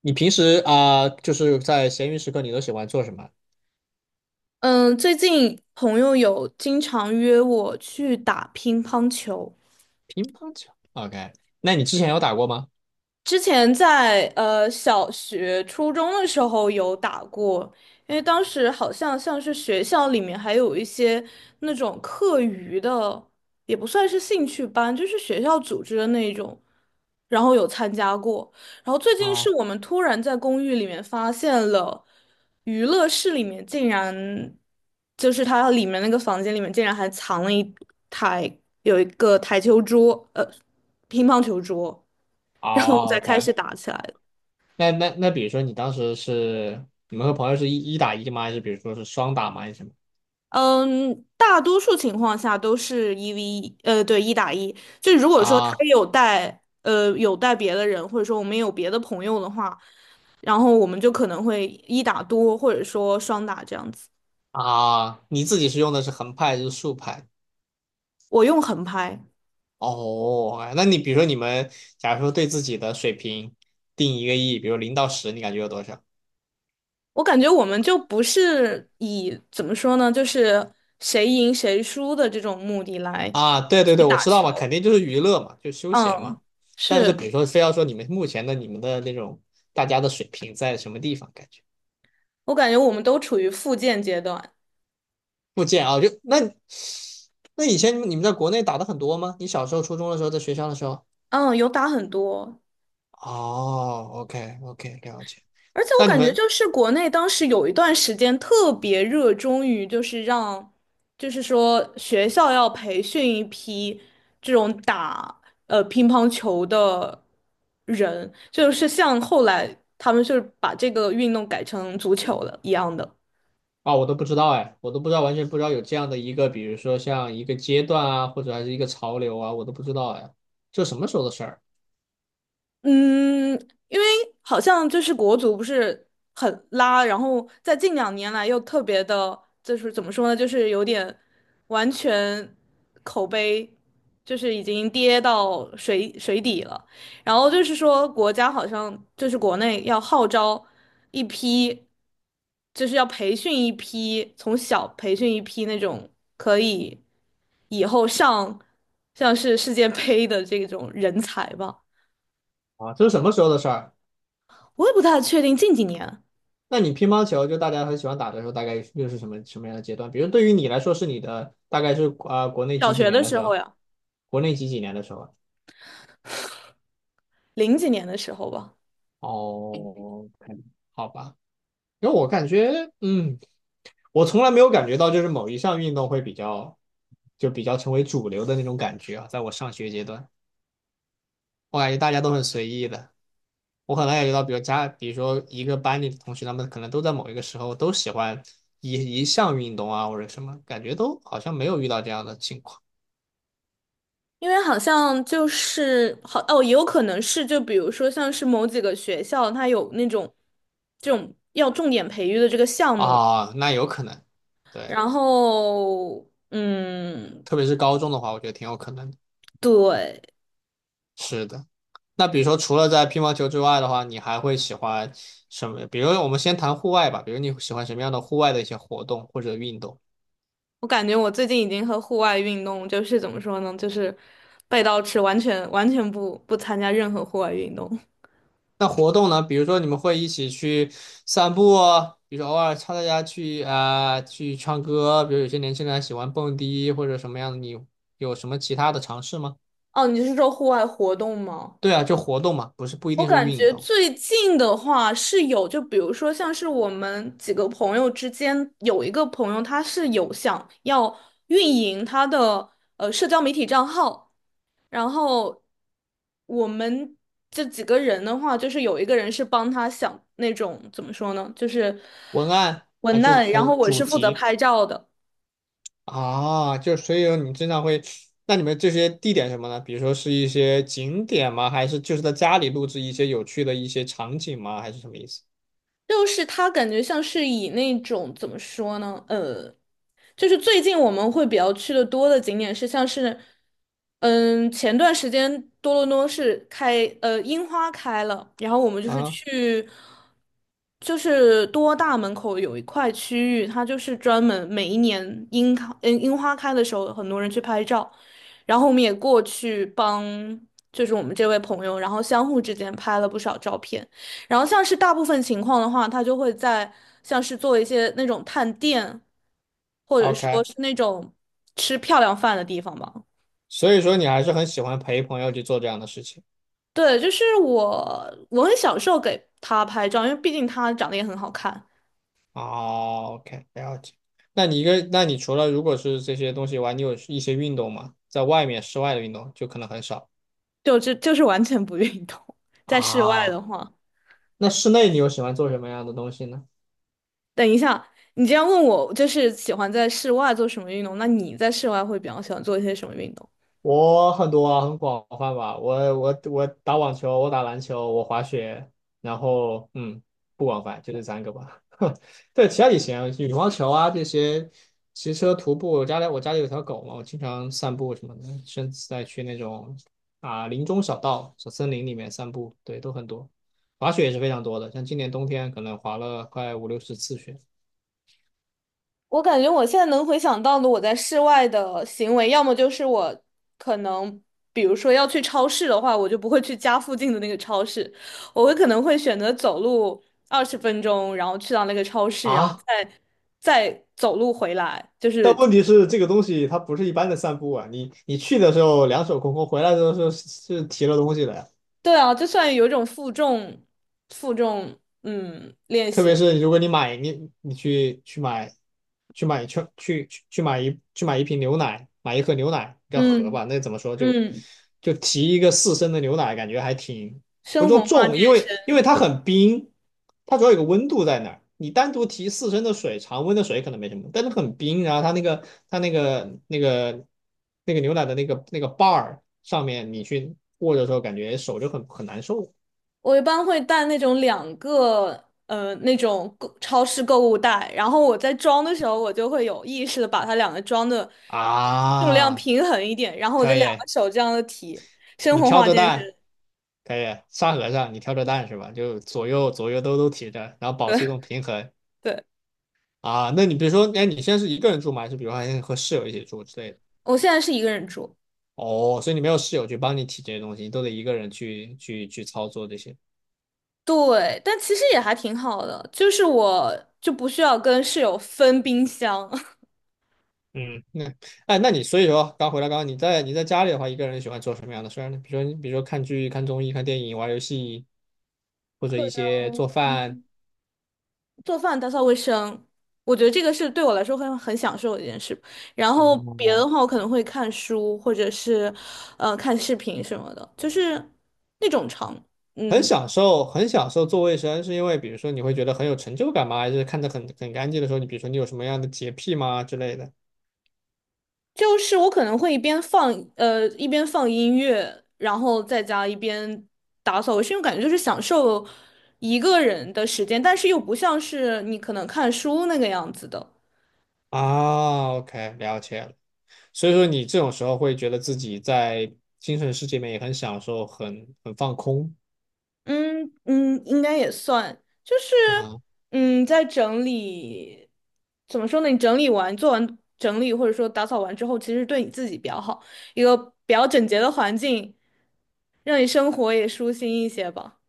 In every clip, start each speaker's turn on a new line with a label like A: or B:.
A: 你平时啊就是在闲余时刻，你都喜欢做什么？
B: 嗯，最近朋友有经常约我去打乒乓球。
A: 乒乓球。OK，那你之前有打过吗？
B: 之前在小学、初中的时候有打过，因为当时好像像是学校里面还有一些那种课余的，也不算是兴趣班，就是学校组织的那种，然后有参加过。然后最近是
A: 啊，
B: 我们突然在公寓里面发现了娱乐室里面竟然，就是它里面那个房间里面竟然还藏了有一个台球桌，乒乓球桌。然后
A: 哦
B: 再开
A: ，OK，
B: 始打起来的。
A: 那，比如说你当时是你们和朋友是一打一吗？还是比如说是双打吗？还是什么？
B: 嗯，大多数情况下都是一 v 一，对，一打一。就如果说他
A: 啊
B: 有带别的人，或者说我们有别的朋友的话，然后我们就可能会一打多，或者说双打这样子。
A: 啊，你自己是用的是横拍还是竖拍？
B: 我用横拍，
A: 哦，OK，那你比如说你们，假如说对自己的水平定一个亿，比如0到10，你感觉有多少？
B: 我感觉我们就不是以怎么说呢，就是谁赢谁输的这种目的来
A: 啊，对对
B: 去
A: 对，我
B: 打
A: 知道嘛，肯
B: 球。
A: 定就是娱乐嘛，就休闲嘛。
B: 嗯，
A: 但是
B: 是，
A: 比如说，非要说你们目前的你们的那种大家的水平在什么地方，感觉
B: 我感觉我们都处于复健阶段。
A: 不见啊，就那以前你们在国内打的很多吗？你小时候初中的时候，在学校的时候？
B: 嗯，有打很多。
A: 哦，OK OK，了解。
B: 而且我
A: 那你
B: 感觉
A: 们
B: 就是国内当时有一段时间特别热衷于，就是让，就是说学校要培训一批这种打乒乓球的人，就是像后来他们就是把这个运动改成足球了一样的。
A: 啊，我都不知道哎，我都不知道，完全不知道有这样的一个，比如说像一个阶段啊，或者还是一个潮流啊，我都不知道哎，这什么时候的事儿
B: 嗯，因为好像就是国足不是很拉，然后在近2年来又特别的，就是怎么说呢，就是有点完全口碑就是已经跌到水底了。然后就是说国家好像就是国内要号召一批，就是要培训一批，从小培训一批那种可以以后上像是世界杯的这种人才吧。
A: 啊？这是什么时候的事儿？
B: 我也不太确定近几年，
A: 那你乒乓球就大家很喜欢打的时候，大概又是什么什么样的阶段？比如对于你来说，是你的大概是啊国内
B: 小
A: 几几
B: 学
A: 年
B: 的
A: 的
B: 时
A: 时
B: 候
A: 候？
B: 呀。
A: 国内几几年的时候啊？
B: 零几年的时候吧，
A: 哦，k 好吧。因为我感觉，我从来没有感觉到就是某一项运动会比较，就比较成为主流的那种感觉啊。在我上学阶段，我感觉大家都很随意的。我可能感觉到，比如说一个班里的同学，他们可能都在某一个时候都喜欢一一项运动啊，或者什么，感觉都好像没有遇到这样的情况。
B: 因为好像就是好哦，也有可能是就比如说像是某几个学校，它有那种这种要重点培育的这个项目，
A: 啊，那有可能，对，
B: 然后嗯，
A: 特别是高中的话，我觉得挺有可能的。
B: 对，
A: 是的，那比如说除了在乒乓球之外的话，你还会喜欢什么？比如我们先谈户外吧，比如你喜欢什么样的户外的一些活动或者运动？
B: 我感觉我最近已经和户外运动就是怎么说呢，就是背道吃，完全不参加任何户外运动。
A: 那活动呢？比如说你们会一起去散步啊，比如说偶尔插大家去啊、去唱歌，比如有些年轻人还喜欢蹦迪或者什么样的，你有什么其他的尝试吗？
B: 哦，你是说户外活动吗？
A: 对啊，就活动嘛，不是不一
B: 我
A: 定是
B: 感
A: 运
B: 觉
A: 动。
B: 最近的话是有，就比如说像是我们几个朋友之间有一个朋友，他是有想要运营他的社交媒体账号，然后我们这几个人的话，就是有一个人是帮他想那种怎么说呢，就是
A: 文案还
B: 文
A: 是
B: 案，然后
A: 纯
B: 我
A: 主
B: 是负责
A: 题。
B: 拍照的。
A: 啊，就所以说你经常会，那你们这些地点什么呢？比如说是一些景点吗？还是就是在家里录制一些有趣的一些场景吗？还是什么意思
B: 就是他感觉像是以那种怎么说呢？就是最近我们会比较去的多的景点是像是，嗯，前段时间多伦多是樱花开了，然后我们就是
A: 啊
B: 去，就是多大门口有一块区域，它就是专门每一年樱花开的时候，很多人去拍照，然后我们也过去帮，就是我们这位朋友，然后相互之间拍了不少照片。然后像是大部分情况的话，他就会在像是做一些那种探店，或者说
A: ？OK，
B: 是那种吃漂亮饭的地方吧。
A: 所以说你还是很喜欢陪朋友去做这样的事情。
B: 对，就是我很享受给他拍照，因为毕竟他长得也很好看，
A: 哦，OK，了解。那你除了如果是这些东西以外，你有一些运动吗？在外面室外的运动就可能很少
B: 就是完全不运动。在室外的
A: 啊。
B: 话，
A: 那室内你又喜欢做什么样的东西呢？
B: 等一下，你这样问我，就是喜欢在室外做什么运动？那你在室外会比较喜欢做一些什么运动？
A: 我很多啊，很广泛吧。我打网球，我打篮球，我滑雪，然后不广泛，就这三个吧。对，其他也行，羽毛球啊这些，骑车、徒步。我家里有条狗嘛，我经常散步什么的，甚至在去那种啊林中小道、小森林里面散步，对，都很多。滑雪也是非常多的，像今年冬天可能滑了快50、60次雪
B: 我感觉我现在能回想到的我在室外的行为，要么就是我可能，比如说要去超市的话，我就不会去家附近的那个超市，我会可能会选择走路20分钟，然后去到那个超市，然后
A: 啊。
B: 再走路回来，就
A: 但
B: 是，
A: 问题是，这个东西它不是一般的散步啊！你去的时候两手空空，回来的时候是提了东西的呀。
B: 对啊，就算有一种负重练
A: 特
B: 习
A: 别
B: 的，
A: 是如果你去买一瓶牛奶，买一盒牛奶，不叫盒
B: 嗯
A: 吧？那怎么说就
B: 嗯，
A: 就提一个四升的牛奶，感觉还挺不
B: 生
A: 说
B: 活化
A: 重，因
B: 健
A: 为
B: 身，
A: 因为它很冰，它主要有个温度在那儿。你单独提四升的水，常温的水可能没什么，但是很冰，然后它那个牛奶的那个把儿上面，你去握着的时候，感觉手就很难受
B: 我一般会带那种两个那种超市购物袋，然后我在装的时候，我就会有意识的把它两个装的呃重量
A: 啊。
B: 平衡一点，然后我就
A: 可
B: 两
A: 以，
B: 个手这样的提，生
A: 你
B: 活
A: 挑
B: 化
A: 着
B: 健
A: 担。
B: 身。
A: 可以，沙和尚，你挑着担是吧？就左右左右都提着，然后保
B: 对
A: 持一种平 衡
B: 对，
A: 啊。那你比如说，哎，你现在是一个人住吗？还是比如说还和室友一起住之类的？
B: 我现在是一个人住，
A: 哦，所以你没有室友去帮你提这些东西，你都得一个人去操作这些。
B: 对，但其实也还挺好的，就是我就不需要跟室友分冰箱，
A: 嗯，那哎，那你所以说，刚回来，刚刚你在家里的话，一个人喜欢做什么样的事儿呢？比如说看剧、看综艺、看电影、玩游戏，或者一些做饭。
B: 做饭、打扫卫生，我觉得这个是对我来说会很享受的一件事。然后别的
A: 哦
B: 话，我可能会看书，或者是看视频什么的，就是那种长，
A: 很
B: 嗯，
A: 享受，很享受做卫生，是因为比如说你会觉得很有成就感吗？还是看着很干净的时候，你比如说你有什么样的洁癖吗之类的？
B: 就是我可能会一边放音乐，然后在家一边打扫卫生，因为感觉就是享受一个人的时间，但是又不像是你可能看书那个样子的。
A: 啊，OK，了解了。所以说你这种时候会觉得自己在精神世界里面也很享受，很放空
B: 嗯嗯，应该也算，就是
A: 啊。
B: 在整理，怎么说呢？你整理完、做完整理，或者说打扫完之后，其实对你自己比较好，一个比较整洁的环境，让你生活也舒心一些吧。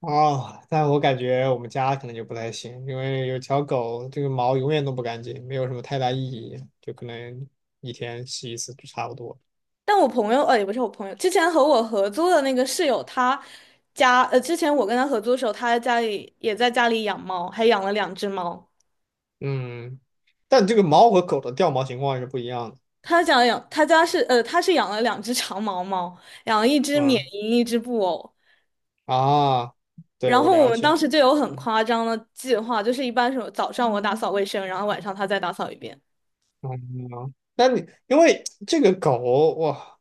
A: 哦，但我感觉我们家可能就不太行，因为有条狗，这个毛永远都不干净，没有什么太大意义，就可能一天洗一次就差不多。
B: 但我朋友，也不是我朋友，之前和我合租的那个室友，之前我跟他合租的时候，他家里也在家里养猫，还养了2只猫。
A: 嗯，但这个猫和狗的掉毛情况是不一样的。
B: 他家养，他家是，呃，他是养了2只长毛猫，养了一只缅
A: 嗯。
B: 因，一只布偶。
A: 啊，对，
B: 然
A: 我
B: 后我
A: 了
B: 们当
A: 解。
B: 时就有很夸张的计划，就是一般是早上我打扫卫生，然后晚上他再打扫一遍。
A: 嗯，那你因为这个狗哇，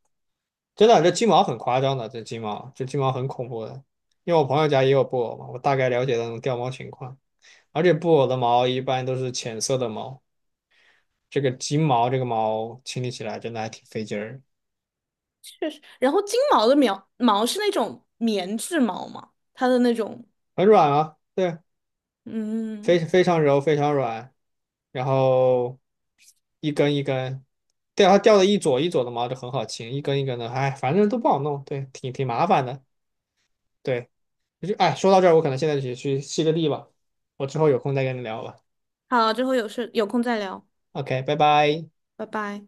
A: 真的这金毛很夸张的，这金毛很恐怖的。因为我朋友家也有布偶嘛，我大概了解那种掉毛情况，而且布偶的毛一般都是浅色的毛，这个金毛这个毛清理起来真的还挺费劲儿，
B: 确实，然后金毛的苗毛是那种棉质毛嘛，它的那种，
A: 很软啊，对，非
B: 嗯，
A: 非常柔，非常软，然后一根一根，对，它掉的一撮一撮的毛就很好清，一根一根的，哎，反正都不好弄，对，挺麻烦的。对。就哎，说到这儿，我可能现在就去吸个地吧，我之后有空再跟你聊吧。
B: 好，之后有空再聊，
A: OK，拜拜。
B: 拜拜。